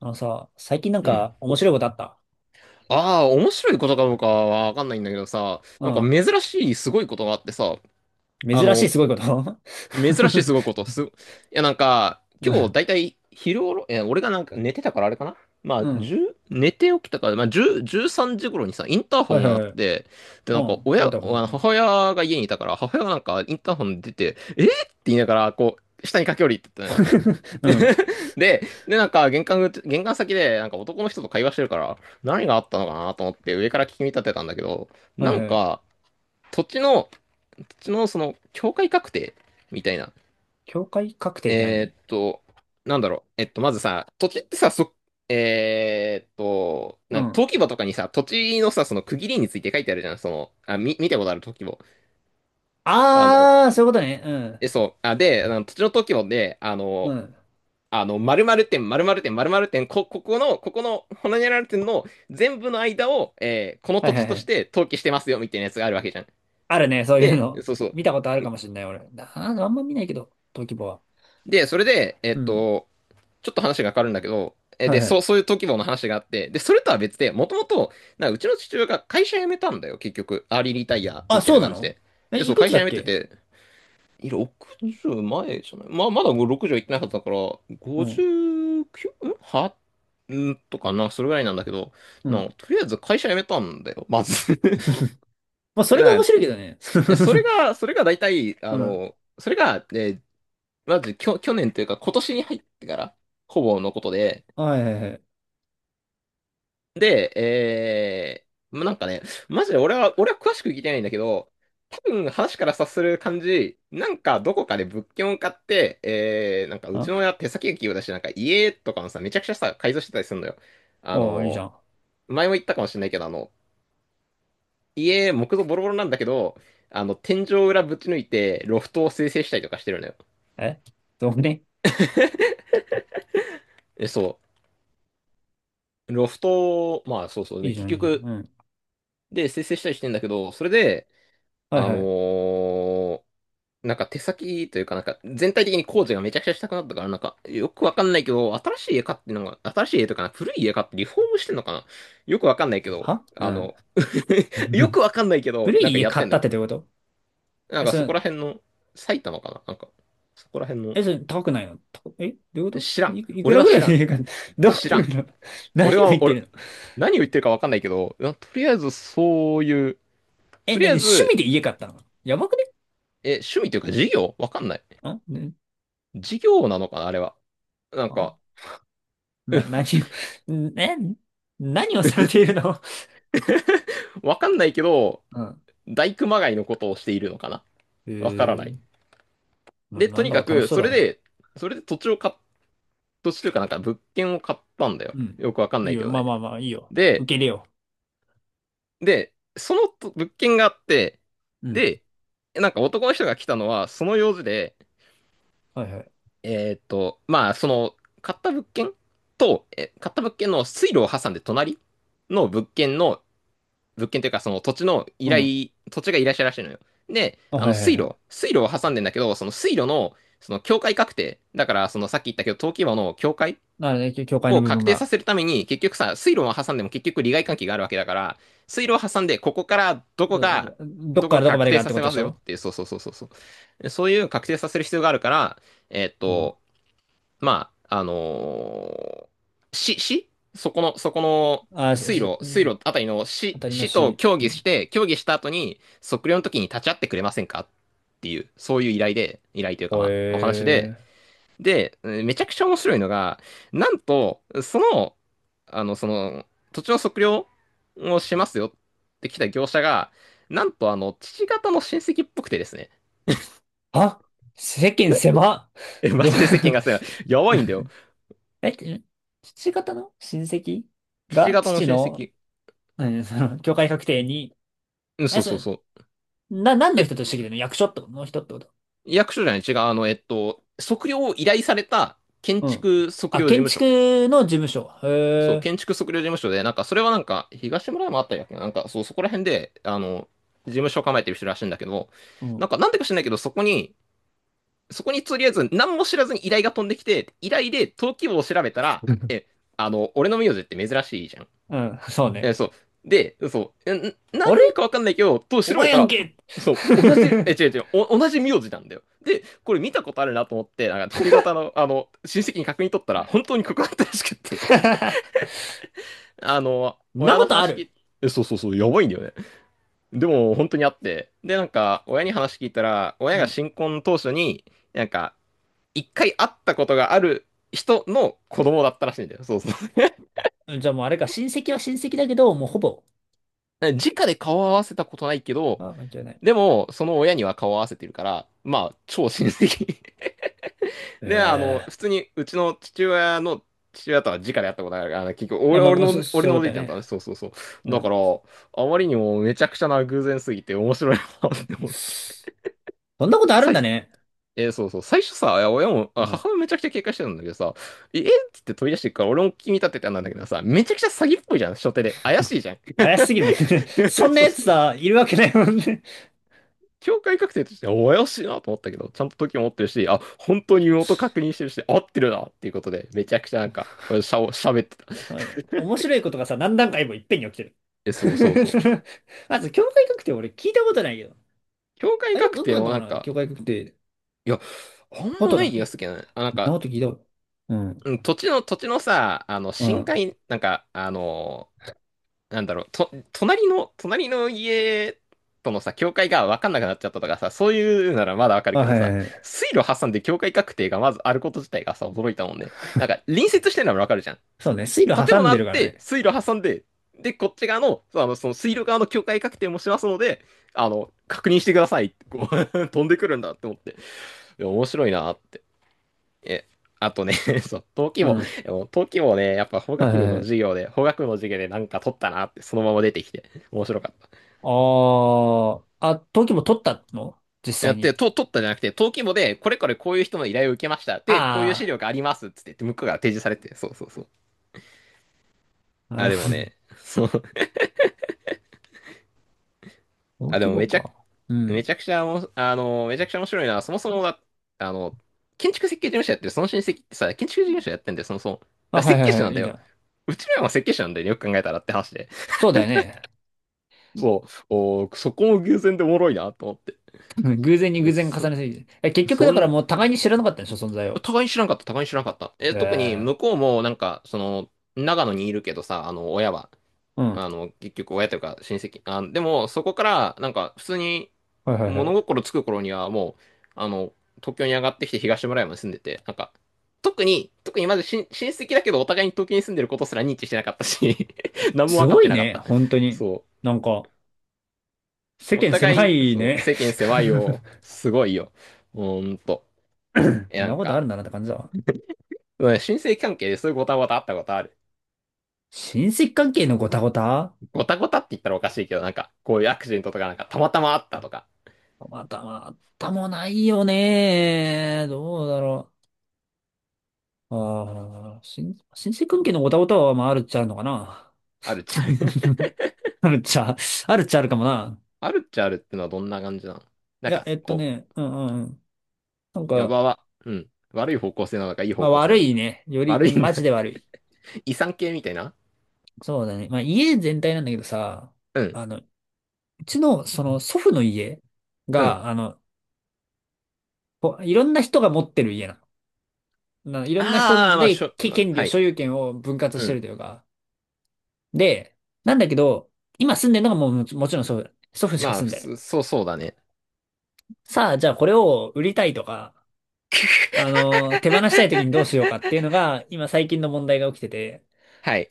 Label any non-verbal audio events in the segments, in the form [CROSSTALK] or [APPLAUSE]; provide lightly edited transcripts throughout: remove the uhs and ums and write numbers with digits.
あのさ、最近なんうん。か面白いことあった？ああ、面白いことかどうかはわかんないんだけどさ、うなんかん。珍しいすごいことがあってさ、あ珍しいの、すごいこと？ 珍しいすごいこと、す、いやなんか、[LAUGHS] う今日ん。だいたい昼頃、俺がなんか寝てたからあれかな。まうあ、ん。10、寝て起きたから、まあ、10、13時頃にさ、インターホはいンはいがあっはい。て、で、なんうか、ん。イ親、ンあターホン。うのん。母親が家にいたから、母親がなんか、インターホン出て、えーって言いながら、こう、下に駆け下りてったの [LAUGHS] うん。で、で、なんか玄関先で、なんか男の人と会話してるから、何があったのかなと思って上から聞き立てたんだけど、はいなんはい。か、土地の、土地のその、境界確定みたいな。境界確定ってえ何？ーっと、なんだろう。まずさ、土地ってさ、そ、えーっと、うなんかん。登記簿とかにさ、土地のさ、その区切りについて書いてあるじゃん。見たことある登記簿。あの、あー、そういうことね。そう。で、あの土地の登記簿で、うん。うん。〇〇点、〇〇点、〇〇点、ここの、ほにゃらら点の全部の間を、このは土いは地いはとしい。て登記してますよ、みたいなやつがあるわけじゃん。あるね、そういうで、の。そうそう。見たことあるかもしれない、俺。な、ああんま見ないけど、登記簿は。で、それで、うん。ちょっと話が変わるんだけど、はで、いはそう、い。そういう登記簿の話があって、で、それとは別で、もともと、なんかうちの父親が会社辞めたんだよ、結局。アーリーリタイア、あ、みたいそうなな感じの？で。え、で、いそう、く会つ社だ辞っめてけ？て、いやうん60前じゃない。まあ、まだ60行ってなかったから、うん。59？ んはんとかな、それぐらいなんだけど、うん。とりあえず会社辞めたんだよ、まず。[LAUGHS] まあ、それがな面んか、白いけどね。えそ [LAUGHS] れが、それが大体、うあん。の、それが、え、まず、去年というか、今年に入ってから、ほぼのことで、はいはいはい。で、なんかね、マジで俺は詳しく聞いてないんだけど、多分話から察する感じ、なんかどこかで物件を買って、なんかうちあ、の親手先が器用だし、なんか家とかのさ、めちゃくちゃさ、改造してたりするのよ。あおー、いいじゃの、ん。前も言ったかもしれないけど、家、木造ボロボロなんだけど、天井裏ぶち抜いて、ロフトを生成したりとかしてるのよ。え、そうね。そう。ロフトを、まあそうそういね、いじゃ結ん、いいじゃん。局、うん。で、生成したりしてんだけど、それで、はいあのはい。ーなんか手先というか、なんか全体的に工事がめちゃくちゃしたくなったから、なんかよくわかんないけど、新しい家買ってのが、新しい家とかな、古い家買ってリフォームしてんのかな。よくわかんないけど、は、うん。[LAUGHS] よく [LAUGHS] わかんないけど、古なんいか家やっ買てんっだたっよ。てどういうこと？なんえ、かそそれ、こら辺の、埼玉かななんか、そこら辺の、え、それ高くないの？た、え、どういうこと？知らん。い、いく俺らはぐら知いらのん。家買った？ [LAUGHS] どう知いらうん。こと？ [LAUGHS] 俺何を言っは、て俺、るの？何を言ってるかわかんないけど、とりあえずそういう、え、とりあ何え趣ず、味で家買ったの？やばくね？趣味というか事業わかんない。ん、ね。事業なのかな、あれは。なんあ、か、な、何を、[LAUGHS] ん、え、何をされているの？ [LAUGHS] わかんないけど、うん。大熊谷のことをしているのかな。え、わからない。ー、な、で、となんにだかか楽しく、そうそだれね。で、土地を土地というかなんか物件を買ったんだよ。うん。よくわかんいないいけよ。どまあね。まあまあ、いいよ。受で、け入れよそのと物件があって、う。うん。で、なんか男の人が来たのは、その用事で、はいはい。まあ、その、買った物件買った物件の水路を挟んで隣の物件というか、そのうん。土地が依頼者らしいのよ。で、あ、はいはいはい。水路を挟んでんだけど、その水路の、その境界確定、だから、そのさっき言ったけど、登記簿の境界なので、教会のを部分確定さが。せるために、結局さ、水路を挟んでも結局利害関係があるわけだから、水路を挟んで、ここからどこど、が、どっどかこらがどこま確で定がっさてこせとでましすよっょ？ていう、そうそうそうそうそう。そういう確定させる必要があるから、えーっうん。と、まあ、市そこのあ、し、水し路あたりの当たりの市と市。協う議ん。して、協議した後に測量の時に立ち会ってくれませんかっていう、そういう依頼で、依頼というかほまあ、お話えで、ー。で、めちゃくちゃ面白いのが、なんと、あの、その、土地の測量をしますよって来た業者が、なんと父方の親戚っぽくてですね。あ、世間狭っ。マど、ジで世間がさ、[LAUGHS] やばいんだよ。え、ん、父方の親戚父が方の父親の、戚。うん、その、教会確定に、うん、え、そうそそうれ、そう。な、何のえ、人としてきてるの？役所ってことの人ってこと？役所じゃない、違う、測量を依頼された建うん。築測あ、量事建務所。築の事務所。へそう、建え。築測量事務所で、なんか、それはなんか、東村山あったりだっけな、なんか、そう、そこら辺で、事務所を構えてる人らしいんだけど、うなんん。か、なんでか知らないけど、そこにとりあえず、何も知らずに依頼が飛んできて、依頼で登記簿を調べたら、え、あの、俺の名字って珍しいじゃん。うん、そうね。そう。で、そう。なあれ？んかわかんないけど、とお調べ前やたんら、け。 そう、同じ、え、違う違 [LAUGHS] う、同じ名字なんだよ。で、これ見たことあるなと思って、なんか父方の、親戚に確認取ったら、本当にここだったらしくって、[LAUGHS] あの、そんな親このとあ話聞る？いえ、そうそうそう、やばいんだよね。でも、本当にあって。で、なんか、親に話聞いたら、う親がん。新婚当初に、なんか、一回会ったことがある人の子供だったらしいんだよ。そうそう。じゃあもうあれか、親戚は親戚だけど、もうほぼ、[LAUGHS] 直で顔を合わせたことないけど、あ、関係ない。でも、その親には顔を合わせてるから、まあ、超親戚。[LAUGHS] で、え、え、普通に、うちの父親の父親とは直で会ったことあるから、結局、あ、まあまあ、そ、そ俺ういのうこおとじいだちゃんとね。はね、そうそうそう。うだから、ん。あまりにもめちゃくちゃな偶然すぎて面白いなって思って。そんなことあるんさだいね。えーそうそう。最初さ、いや親も、うあん。母親めちゃくちゃ警戒してたんだけどさ、ええっつって飛び出してくから、俺も気に立ててたんだけどさ、めちゃくちゃ詐欺っぽいじゃん、初手で。怪しいじゃん。怪しすぎるもんね。[LAUGHS] そ [LAUGHS] んなそうやつそう。さ、いるわけないもんね。境界確定としては、怪しいなと思ったけど、ちゃんと時も持ってるし、本当に身元確認してるし、合ってるなっていうことで、めちゃくちゃなんか、喋ってた。[LAUGHS] そうね。面白いことがさ、何段階もいっぺんに起きてる。そうそう [LAUGHS] そそう。の、まず、教会学って俺聞いたことないけど。境界あ、よく、確よく定あるものかなんな、か、教会学って。いや、あんこまとないな気がい。するけどね。なんそんなか、こと聞いたこと。うん。うん、土地のさ、う深ん。海、なんか、なんだろう、隣の家とのさ、境界が分かんなくなっちゃったとかさ、そういうならまだ分かるあ、けどはいはさ、いはい。水路挟んで境界確定がまずあること自体がさ、驚いたもんね。なんか、隣接してるのは分かるじゃん。そうね。水路建挟物んあでるっからて、ね。水路挟んで、で、こっち側の、その水路側の境界確定もしますので、確認してくださいってこう [LAUGHS] 飛んでくるんだって思って、いや面白いなって。え、あとね、[LAUGHS] そう、登記う簿、ん。でも登記簿ね、やっぱ法は学部いのは授い。業で、法学部の授業でなんか取ったなって、そのまま出てきて、面白かった。ああ、あ、登記簿取ったの実や際って、に？と取ったじゃなくて、登記簿で、これこれこういう人の依頼を受けました。で、こういう資あ料がありますっつって、向こうが提示されて、そうそうそう。あ、なあ、るでもほね、そう。ど。登あ、で記も簿めちゃくか。うめん。ちゃくちゃおも、あの、めちゃくちゃ面白いな。そもそもが、あの、建築設計事務所やってる、その親戚ってさ、建築事務所やってんだよ、そもそも。だかあ、らは設いは計い士はなんい、いだいじよ。ゃん。うちらも設計士なんだよね、よく考えたらって話で。そうだよね。そう、おー、そこも偶然でおもろいなと思って。[LAUGHS] 偶然に偶然そ、重ねすぎて。え、結局そだからん、もう互いに知らなかったんでしょ、存在を。互いに知らんかった、互いに知らんかった。え、特にえ、向え、こうもなんか、その、長野にいるけどさ、あの、親は。うん。あはの、結局親というか親戚。あ、でも、そこから、なんか、普通にいはいは物い。心つく頃には、もう、東京に上がってきて東村山に住んでて、なんか、特にまず親親戚だけど、お互いに東京に住んでることすら認知してなかったし [LAUGHS] 何もす分かっごていなかっね、た。本当に。そなんか、世う。お間互い狭に、いそう、ね。世間狭いよ。[LAUGHS] すごいよ。ほんと。え、そんななんことあか、るんだなって感じだわ。うん、親戚関係でそういうごたごたあったことある。親戚関係のごたごた？ごたごたって言ったらおかしいけど、なんか、こういうアクシデントとか、なんか、たまたまあったとか、またまたもないよね。どうだろう。ああ、親親戚関係のオタオタは、まあ、あるっちゃあるのかな。あるじゃん。[LAUGHS] あるっちゃ、あるっちゃあるかもな。あるっちゃあるってのはどんな感じなの、いなんや、か、えっとこね、うんうんうん。なんう、やか、ばは、うん、悪い方向性なのか、いいま方あ向性悪なのか。いね。より、悪いんマだ。ジで悪い。[LAUGHS] 遺産系みたいな、そうだね。まあ家全体なんだけどさ、うん、あの、うちの、その祖父の家うん。が、あの、こういろんな人が持ってる家なの。な、いろんなああ、人まあ、しで、ょ、け、まあ、権利はを、い。所有権を分割しうてるん。というか。で、なんだけど、今住んでるのがもう、もち、もちろん祖父。祖父しかまあ、住ん普でる。通、そうそうだね。さあ、じゃあこれを売りたいとか、あの、手放したい時にどうしようかっていうの [LAUGHS] が、今最近の問題が起きてて、はい。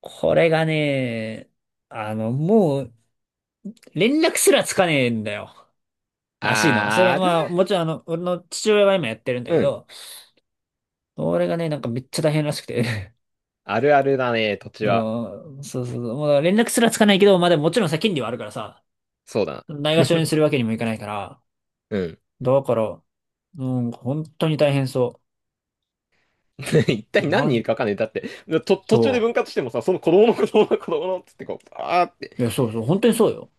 これがね、あの、もう、連絡すらつかねえんだよ。らしいの。それあー、はある、まあ、もちろんあの、俺の父親は今やってるんだけうん。ど、俺がね、なんかめっちゃ大変らしくて。あるあるだね、土 [LAUGHS] 地は。うん、そうそうそう。もうだから連絡すらつかないけど、まあでももちろんさ、権利はあるからさ、そうだな。ないがしろにす [LAUGHS] るわけにもいかないから、うん。だから、うん、本当に大変そ [LAUGHS] 一う。体何ま人いるじ、かわかんない。だって、と、途中でそ分割してもさ、その子供の子供の子供のっつってこう、あーってう。いや、そうそう、本当にそうよ。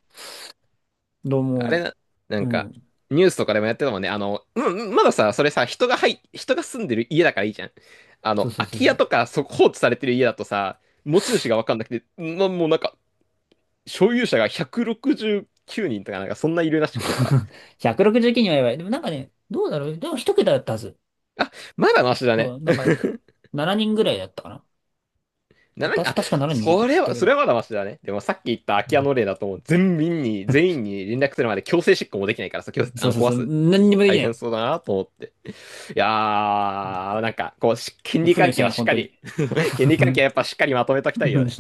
どうあれも、な、なうんか、ん。ニュースとかでもやってたもんね。あの、うんうん、まださ、それさ、人が住んでる家だからいいじゃん。あそうの、そう空そうきそ家う。とか、そ、放置されてる家だとさ、持ち主がわかんなくて、なもうなんか、所有者が169人とかなんか、そんないるらしくてさ。[LAUGHS] 169人はやばい。でもなんかね、どうだろう。でも一桁だったはず。あ、まだマシだそね。う、なんか [LAUGHS] 7人ぐらいだったかな。なた、なた、にん、あ、確か7人でそきれたは、けそれど。はまだマシだね。でもさっき言った空うき家ん、の例だと、もう全員に連絡するまで強制執行もできないからさ、強制、あそうの、そう壊そう。す。そう何にそう、もでき大な変い。そうだなと思って。いやうー、なんか、こう、し権ん、利負の関遺係産はよ、しっ本か当に。り [LAUGHS] 権利関係はや [LAUGHS] っぱしっかりまとめときたいよね。